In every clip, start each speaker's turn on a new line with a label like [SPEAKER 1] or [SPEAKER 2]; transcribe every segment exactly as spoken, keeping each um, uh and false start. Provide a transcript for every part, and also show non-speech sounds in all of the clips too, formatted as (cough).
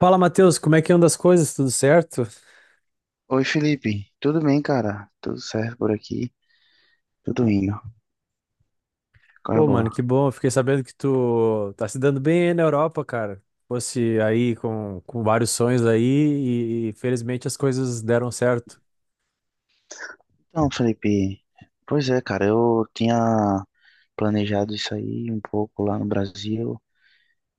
[SPEAKER 1] Fala, Matheus, como é que anda as coisas? Tudo certo?
[SPEAKER 2] Oi, Felipe. Tudo bem, cara? Tudo certo por aqui? Tudo indo. Qual é a
[SPEAKER 1] Pô, mano,
[SPEAKER 2] boa?
[SPEAKER 1] que bom. Eu Fiquei sabendo que tu tá se dando bem aí na Europa, cara. Fosse aí com, com vários sonhos aí e, e, felizmente as coisas deram certo.
[SPEAKER 2] Então, Felipe, pois é, cara, eu tinha planejado isso aí um pouco lá no Brasil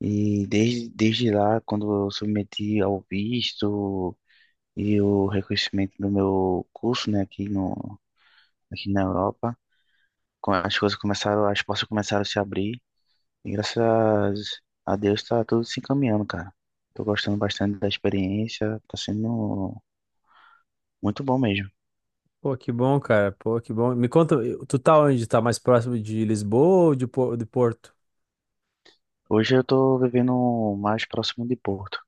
[SPEAKER 2] e desde, desde lá, quando eu submeti ao visto e o reconhecimento do meu curso, né, aqui no, aqui na Europa, co- as coisas começaram, as portas começaram a se abrir e graças a Deus tá tudo se encaminhando, cara. Tô gostando bastante da experiência, tá sendo muito bom mesmo.
[SPEAKER 1] Pô, que bom, cara. Pô, que bom. Me conta, eh, tu tá onde? Tá mais próximo de Lisboa ou de, Po- de Porto?
[SPEAKER 2] Hoje eu tô vivendo mais próximo de Porto.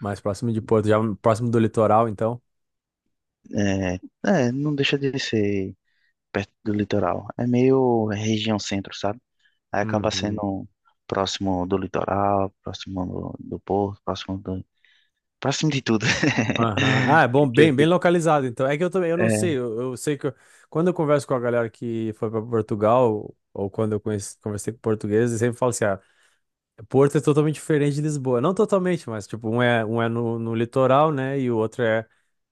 [SPEAKER 1] Mais próximo de Porto, já próximo do litoral, então?
[SPEAKER 2] É, é, não deixa de ser perto do litoral. É meio região centro, sabe? Aí acaba
[SPEAKER 1] Uhum.
[SPEAKER 2] sendo próximo do litoral, próximo do, do porto, próximo do, próximo de tudo.
[SPEAKER 1] Aham. Ah,
[SPEAKER 2] (laughs)
[SPEAKER 1] é bom,
[SPEAKER 2] Que eu
[SPEAKER 1] bem, bem
[SPEAKER 2] fico-
[SPEAKER 1] localizado, então. É que eu também, eu não
[SPEAKER 2] É,
[SPEAKER 1] sei, eu, eu sei que eu- quando eu converso com a galera que foi para Portugal, ou quando eu conheci, conversei com portugueses, eles sempre falam assim, ah, Porto é totalmente diferente de Lisboa. Não totalmente, mas tipo, um é, um é no, no litoral, né, e o outro é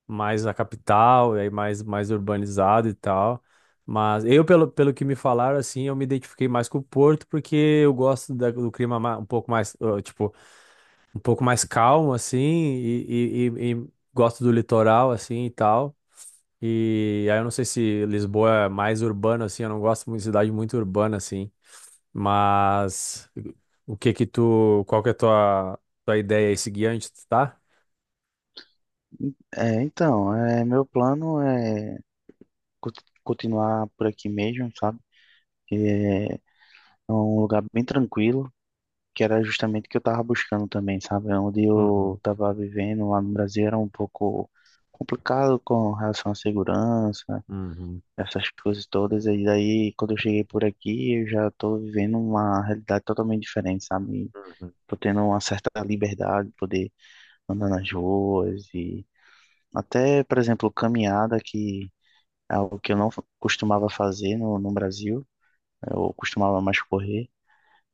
[SPEAKER 1] mais a capital, e aí mais, mais urbanizado e tal. Mas eu, pelo, pelo que me falaram, assim, eu me identifiquei mais com o Porto, porque eu gosto da- do clima ma- um pouco mais, ah, tipo, um pouco mais calmo, assim, e, e, e- e gosto do litoral, assim, e tal. E aí eu não sei se Lisboa é mais urbano, assim, eu não gosto muito de cidade muito urbana, assim. Mas o que que tu, qual que é a tua, tua ideia aí seguinte, tá?
[SPEAKER 2] é, então, é, meu plano é co- continuar por aqui mesmo, sabe? Que é um lugar bem tranquilo, que era justamente o que eu estava buscando também, sabe? Onde eu
[SPEAKER 1] Uhum,
[SPEAKER 2] estava vivendo lá no Brasil era um pouco complicado com relação à segurança,
[SPEAKER 1] uhum,
[SPEAKER 2] essas coisas todas. E daí, quando eu cheguei por aqui, eu já estou vivendo uma realidade totalmente diferente, sabe?
[SPEAKER 1] uhum.
[SPEAKER 2] Tô tendo uma certa liberdade de poder andar nas ruas e até, por exemplo, caminhada, que é algo que eu não costumava fazer no, no Brasil. Eu costumava mais correr.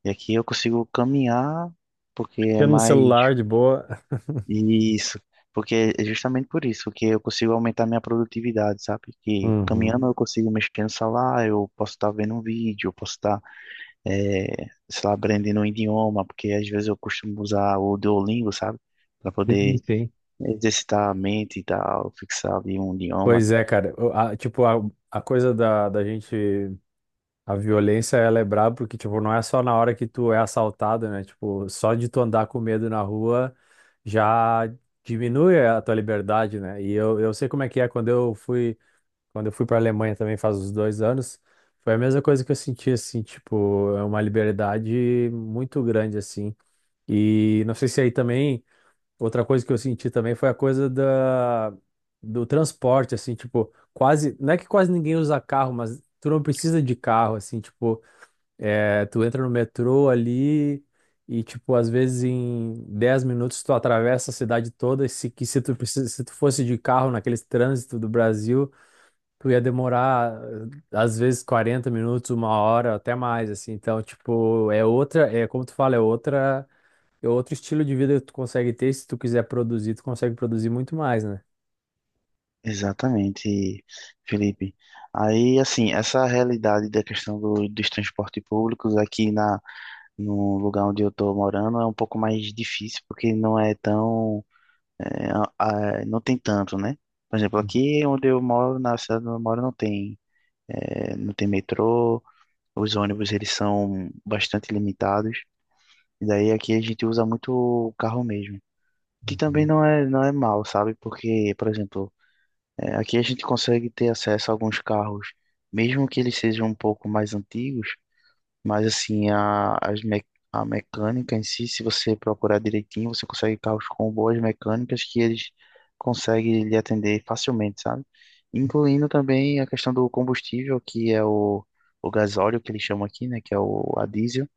[SPEAKER 2] E aqui eu consigo caminhar porque é
[SPEAKER 1] Aqui no
[SPEAKER 2] mais...
[SPEAKER 1] celular, de boa.
[SPEAKER 2] Isso, porque é justamente por isso que eu consigo aumentar minha produtividade, sabe? Que
[SPEAKER 1] Uhum.
[SPEAKER 2] caminhando eu consigo mexer no celular, eu posso estar vendo um vídeo, eu posso estar, eh, sei lá, aprendendo um idioma, porque às vezes eu costumo usar o Duolingo, sabe? Para
[SPEAKER 1] Sim,
[SPEAKER 2] poder
[SPEAKER 1] sim.
[SPEAKER 2] exercitar a mente e tal, fixar ali um idioma.
[SPEAKER 1] Pois é, cara. O- a- tipo, a, a coisa da, da gente. A violência, ela é braba porque, tipo, não é só na hora que tu é assaltado, né? Tipo, só de tu andar com medo na rua já diminui a tua liberdade, né? E eu, eu sei como é que é quando eu fui, quando eu fui pra Alemanha também faz uns dois anos, foi a mesma coisa que eu senti, assim, tipo, é uma liberdade muito grande, assim. E não sei se aí também outra coisa que eu senti também foi a coisa da, do transporte, assim, tipo, quase, não é que quase ninguém usa carro, mas tu não precisa de carro, assim, tipo, é, tu entra no metrô ali e, tipo, às vezes em dez minutos tu atravessa a cidade toda, e se, que se tu, precisa- se tu fosse de carro naquele trânsito do Brasil, tu ia demorar, às vezes, quarenta minutos, uma hora, até mais, assim, então, tipo, é outra, é como tu fala, é outra e outro estilo de vida que tu consegue ter, se tu quiser produzir, tu consegue produzir muito mais, né?
[SPEAKER 2] Exatamente, Felipe. Aí, assim, essa realidade da questão do, dos transportes públicos aqui na, no lugar onde eu estou morando é um pouco mais difícil porque não é tão... É, a- a- não tem tanto, né? Por exemplo,
[SPEAKER 1] Uhum.
[SPEAKER 2] aqui onde eu moro, na cidade onde eu moro, não tem, é, não tem metrô, os ônibus eles são bastante limitados, e daí aqui a gente usa muito o carro mesmo, que também
[SPEAKER 1] Uhum.
[SPEAKER 2] não é, não é mal, sabe? Porque, por exemplo, é, aqui a gente consegue ter acesso a alguns carros, mesmo que eles sejam um pouco mais antigos, mas assim, a, as me, a mecânica em si, se você procurar direitinho, você consegue carros com boas mecânicas que eles conseguem lhe atender facilmente, sabe? Incluindo também a questão do combustível, que é o, o gasóleo, que eles chamam aqui, né? Que é o a diesel,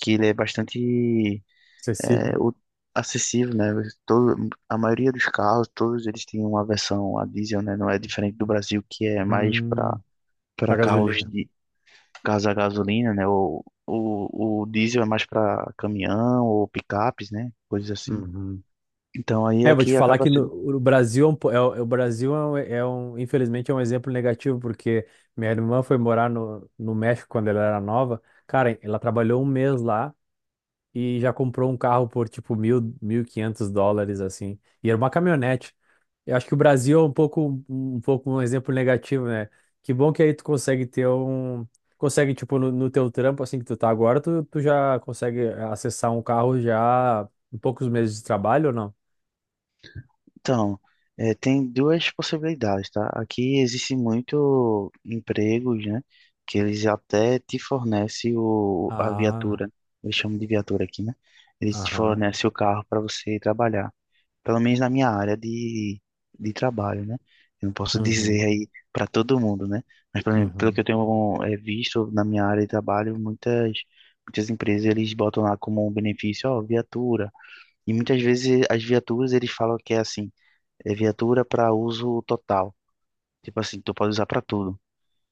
[SPEAKER 2] que ele é bastante...
[SPEAKER 1] Acessível.
[SPEAKER 2] é, o- acessível, né? Todo, a maioria dos carros, todos eles têm uma versão a diesel, né? Não é diferente do Brasil, que é mais para
[SPEAKER 1] Hum,
[SPEAKER 2] para
[SPEAKER 1] a
[SPEAKER 2] carros
[SPEAKER 1] gasolina.
[SPEAKER 2] caso a gasolina, né? O, o, o diesel é mais para caminhão ou picapes, né? Coisas assim.
[SPEAKER 1] Uhum.
[SPEAKER 2] Então aí
[SPEAKER 1] É, eu vou te
[SPEAKER 2] aqui
[SPEAKER 1] falar
[SPEAKER 2] acaba
[SPEAKER 1] que no,
[SPEAKER 2] sendo.
[SPEAKER 1] o Brasil, é um, po- é o é o Brasil é um, é um- infelizmente, é um exemplo negativo, porque minha irmã foi morar no, no México quando ela era nova. Cara, ela trabalhou um mês lá e já comprou um carro por, tipo, mil, mil e quinhentos dólares, assim. E era uma caminhonete. Eu acho que o Brasil é um pouco um pouco um exemplo negativo, né? Que bom que aí tu consegue ter um consegue tipo no, no teu trampo assim que tu tá agora, tu, tu já consegue acessar um carro já em poucos meses de trabalho ou não?
[SPEAKER 2] Então, é, tem duas possibilidades, tá? Aqui existe muito empregos, né? Que eles até te fornecem o, a
[SPEAKER 1] Ah,
[SPEAKER 2] viatura. Eles chamam de viatura aqui, né? Eles te
[SPEAKER 1] aham.
[SPEAKER 2] fornecem o carro para você trabalhar. Pelo menos na minha área de, de trabalho, né? Eu não posso
[SPEAKER 1] Uhum,
[SPEAKER 2] dizer aí para todo mundo, né? Mas pelo, pelo
[SPEAKER 1] uhum,
[SPEAKER 2] que eu tenho é, visto na minha área de trabalho, muitas, muitas empresas eles botam lá como um benefício, ó, viatura. E muitas vezes as viaturas eles falam que é assim, é viatura para uso total. Tipo assim, tu pode usar para tudo.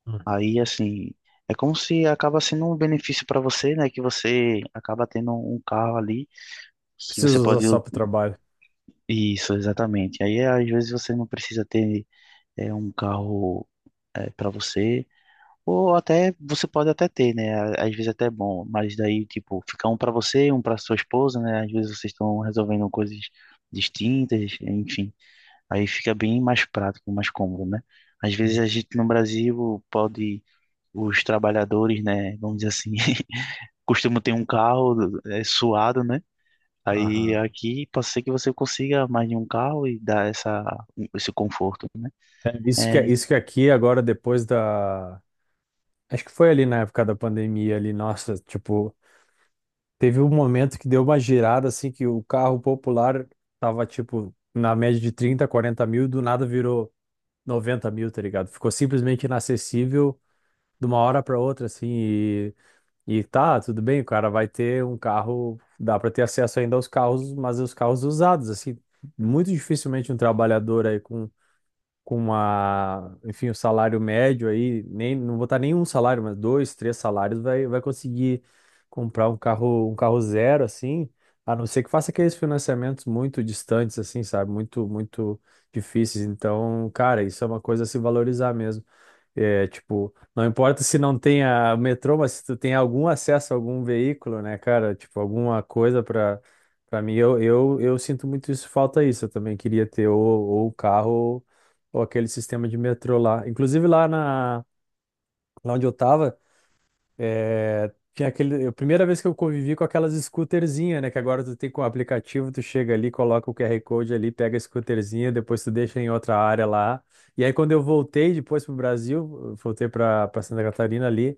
[SPEAKER 1] uhum.
[SPEAKER 2] Aí assim, é como se acaba sendo um benefício para você, né? Que você acaba tendo um carro ali que você
[SPEAKER 1] Preciso usar
[SPEAKER 2] pode...
[SPEAKER 1] só pro trabalho.
[SPEAKER 2] Isso, exatamente. Aí às vezes você não precisa ter é um carro é, para você, ou até você pode até ter, né? Às vezes até é bom, mas daí tipo fica um para você, um para sua esposa, né? Às vezes vocês estão resolvendo coisas distintas, enfim, aí fica bem mais prático, mais cômodo, né? Às vezes a gente no Brasil pode, os trabalhadores, né? Vamos dizer assim, (laughs) costumam ter um carro é, suado, né? Aí
[SPEAKER 1] Aham.
[SPEAKER 2] aqui pode ser que você consiga mais de um carro e dar essa, esse conforto, né?
[SPEAKER 1] É, isso que
[SPEAKER 2] É,
[SPEAKER 1] isso que aqui agora depois da acho que foi ali na época da pandemia ali, nossa, tipo, teve um momento que deu uma girada, assim, que o carro popular tava, tipo, na média de trinta, quarenta mil e do nada virou noventa mil, tá ligado? Ficou simplesmente inacessível de uma hora para outra, assim, e, e tá, tudo bem, o cara vai ter um carro, dá para ter acesso ainda aos carros, mas os carros usados, assim, muito dificilmente um trabalhador aí com uma enfim, o salário médio aí, nem, não vou botar nem um salário, mas dois, três salários, vai, vai conseguir comprar um carro, um carro zero, assim, a não ser que faça aqueles financiamentos muito distantes, assim, sabe? Muito, muito difíceis. Então, cara, isso é uma coisa a se valorizar mesmo. É, tipo, não importa se não tenha metrô, mas se tu tem algum acesso a algum veículo, né, cara? Tipo, alguma coisa para para mim, eu, eu, eu sinto muito isso, falta isso. Eu também queria ter ou, ou carro ou aquele sistema de metrô lá. Inclusive lá na, lá onde eu tava, é, tinha aquele, a primeira vez que eu convivi com aquelas scooterzinhas, né? Que agora tu tem com o aplicativo, tu chega ali, coloca o Q R Code ali, pega a scooterzinha, depois tu deixa em outra área lá. E aí quando eu voltei depois pro Brasil, eu voltei pra, pra Santa Catarina ali,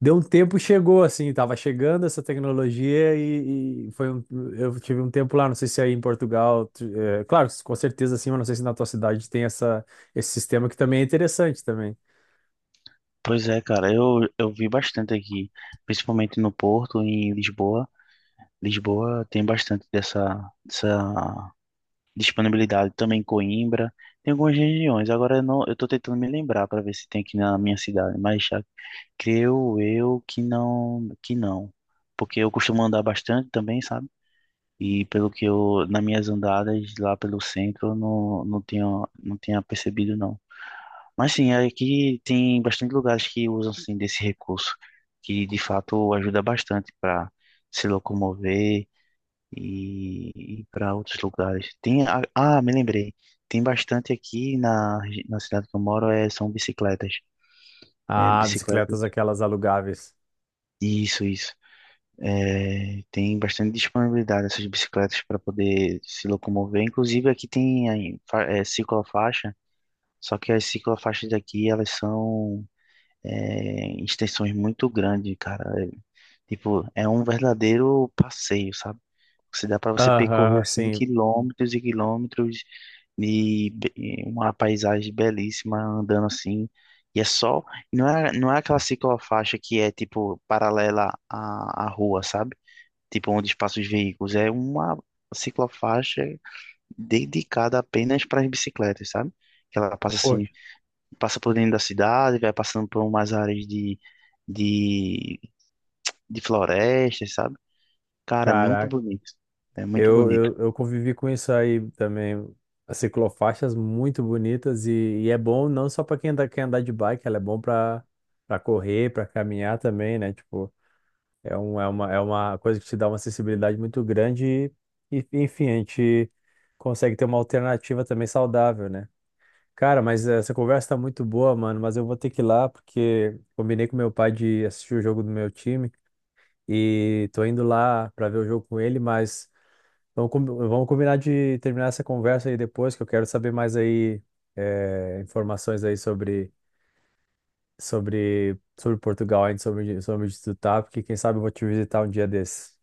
[SPEAKER 1] deu um tempo, chegou assim, tava chegando essa tecnologia e, e foi um, eu tive um tempo lá, não sei se é aí em Portugal, tu- é, claro, com certeza sim, mas não sei se na tua cidade tem essa, esse sistema que também é interessante também.
[SPEAKER 2] pois é, cara, eu, eu vi bastante aqui, principalmente no Porto, em Lisboa. Lisboa tem bastante dessa, dessa disponibilidade, também em Coimbra, tem algumas regiões. Agora eu não, eu tô tentando me lembrar para ver se tem aqui na minha cidade, mas já creio eu que não, que não, porque eu costumo andar bastante também, sabe? E pelo que eu, nas minhas andadas lá pelo centro, eu não, não tinha, não tinha percebido, não. Mas sim, aqui tem bastante lugares que usam assim desse recurso, que de fato ajuda bastante para se locomover e, e para outros lugares. Tem, a- ah, me lembrei, tem bastante aqui na, regi- na cidade que eu moro, é, são bicicletas. É,
[SPEAKER 1] Ah, bicicletas
[SPEAKER 2] bicicletas.
[SPEAKER 1] aquelas alugáveis.
[SPEAKER 2] Isso, isso. É, tem bastante disponibilidade dessas bicicletas para poder se locomover. Inclusive aqui tem aí, fa- é, ciclofaixa, só que as ciclofaixas daqui elas são é, em extensões muito grandes, cara. É, tipo, é um verdadeiro passeio, sabe? Você dá para você percorrer
[SPEAKER 1] Aham,
[SPEAKER 2] assim
[SPEAKER 1] sim.
[SPEAKER 2] quilômetros e quilômetros de be- uma paisagem belíssima andando assim. E é só, não é, não é aquela ciclofaixa que é tipo paralela à, à rua, sabe? Tipo onde passam os veículos. É uma ciclofaixa dedicada apenas para as bicicletas, sabe? Que ela passa assim,
[SPEAKER 1] Poxa,
[SPEAKER 2] passa por dentro da cidade, vai passando por umas áreas de, de, de florestas, sabe? Cara, é muito
[SPEAKER 1] caraca.
[SPEAKER 2] bonito. É muito
[SPEAKER 1] Eu,
[SPEAKER 2] bonito.
[SPEAKER 1] eu, eu convivi com isso aí também. As ciclofaixas muito bonitas e, e é bom não só para quem anda, quer andar de bike, ela é bom para para correr, para caminhar também, né? Tipo, é, um, é, uma, é uma coisa que te dá uma acessibilidade muito grande e, e, enfim, a gente consegue ter uma alternativa também saudável, né? Cara, mas essa conversa tá muito boa, mano, mas eu vou ter que ir lá porque combinei com meu pai de assistir o jogo do meu time e tô indo lá pra ver o jogo com ele, mas vamos, com- vamos combinar de terminar essa conversa aí depois, que eu quero saber mais aí é, informações aí sobre, sobre, sobre Portugal, ainda sobre, sobre onde tu tá, porque quem sabe eu vou te visitar um dia desses.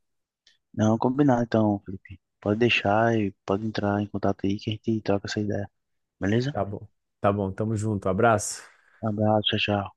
[SPEAKER 2] Não, combinado então, Felipe. Pode deixar e pode entrar em contato aí que a gente troca essa ideia. Beleza?
[SPEAKER 1] Tá bom. Tá bom, tamo junto. Abraço.
[SPEAKER 2] Abraço, tchau, tchau.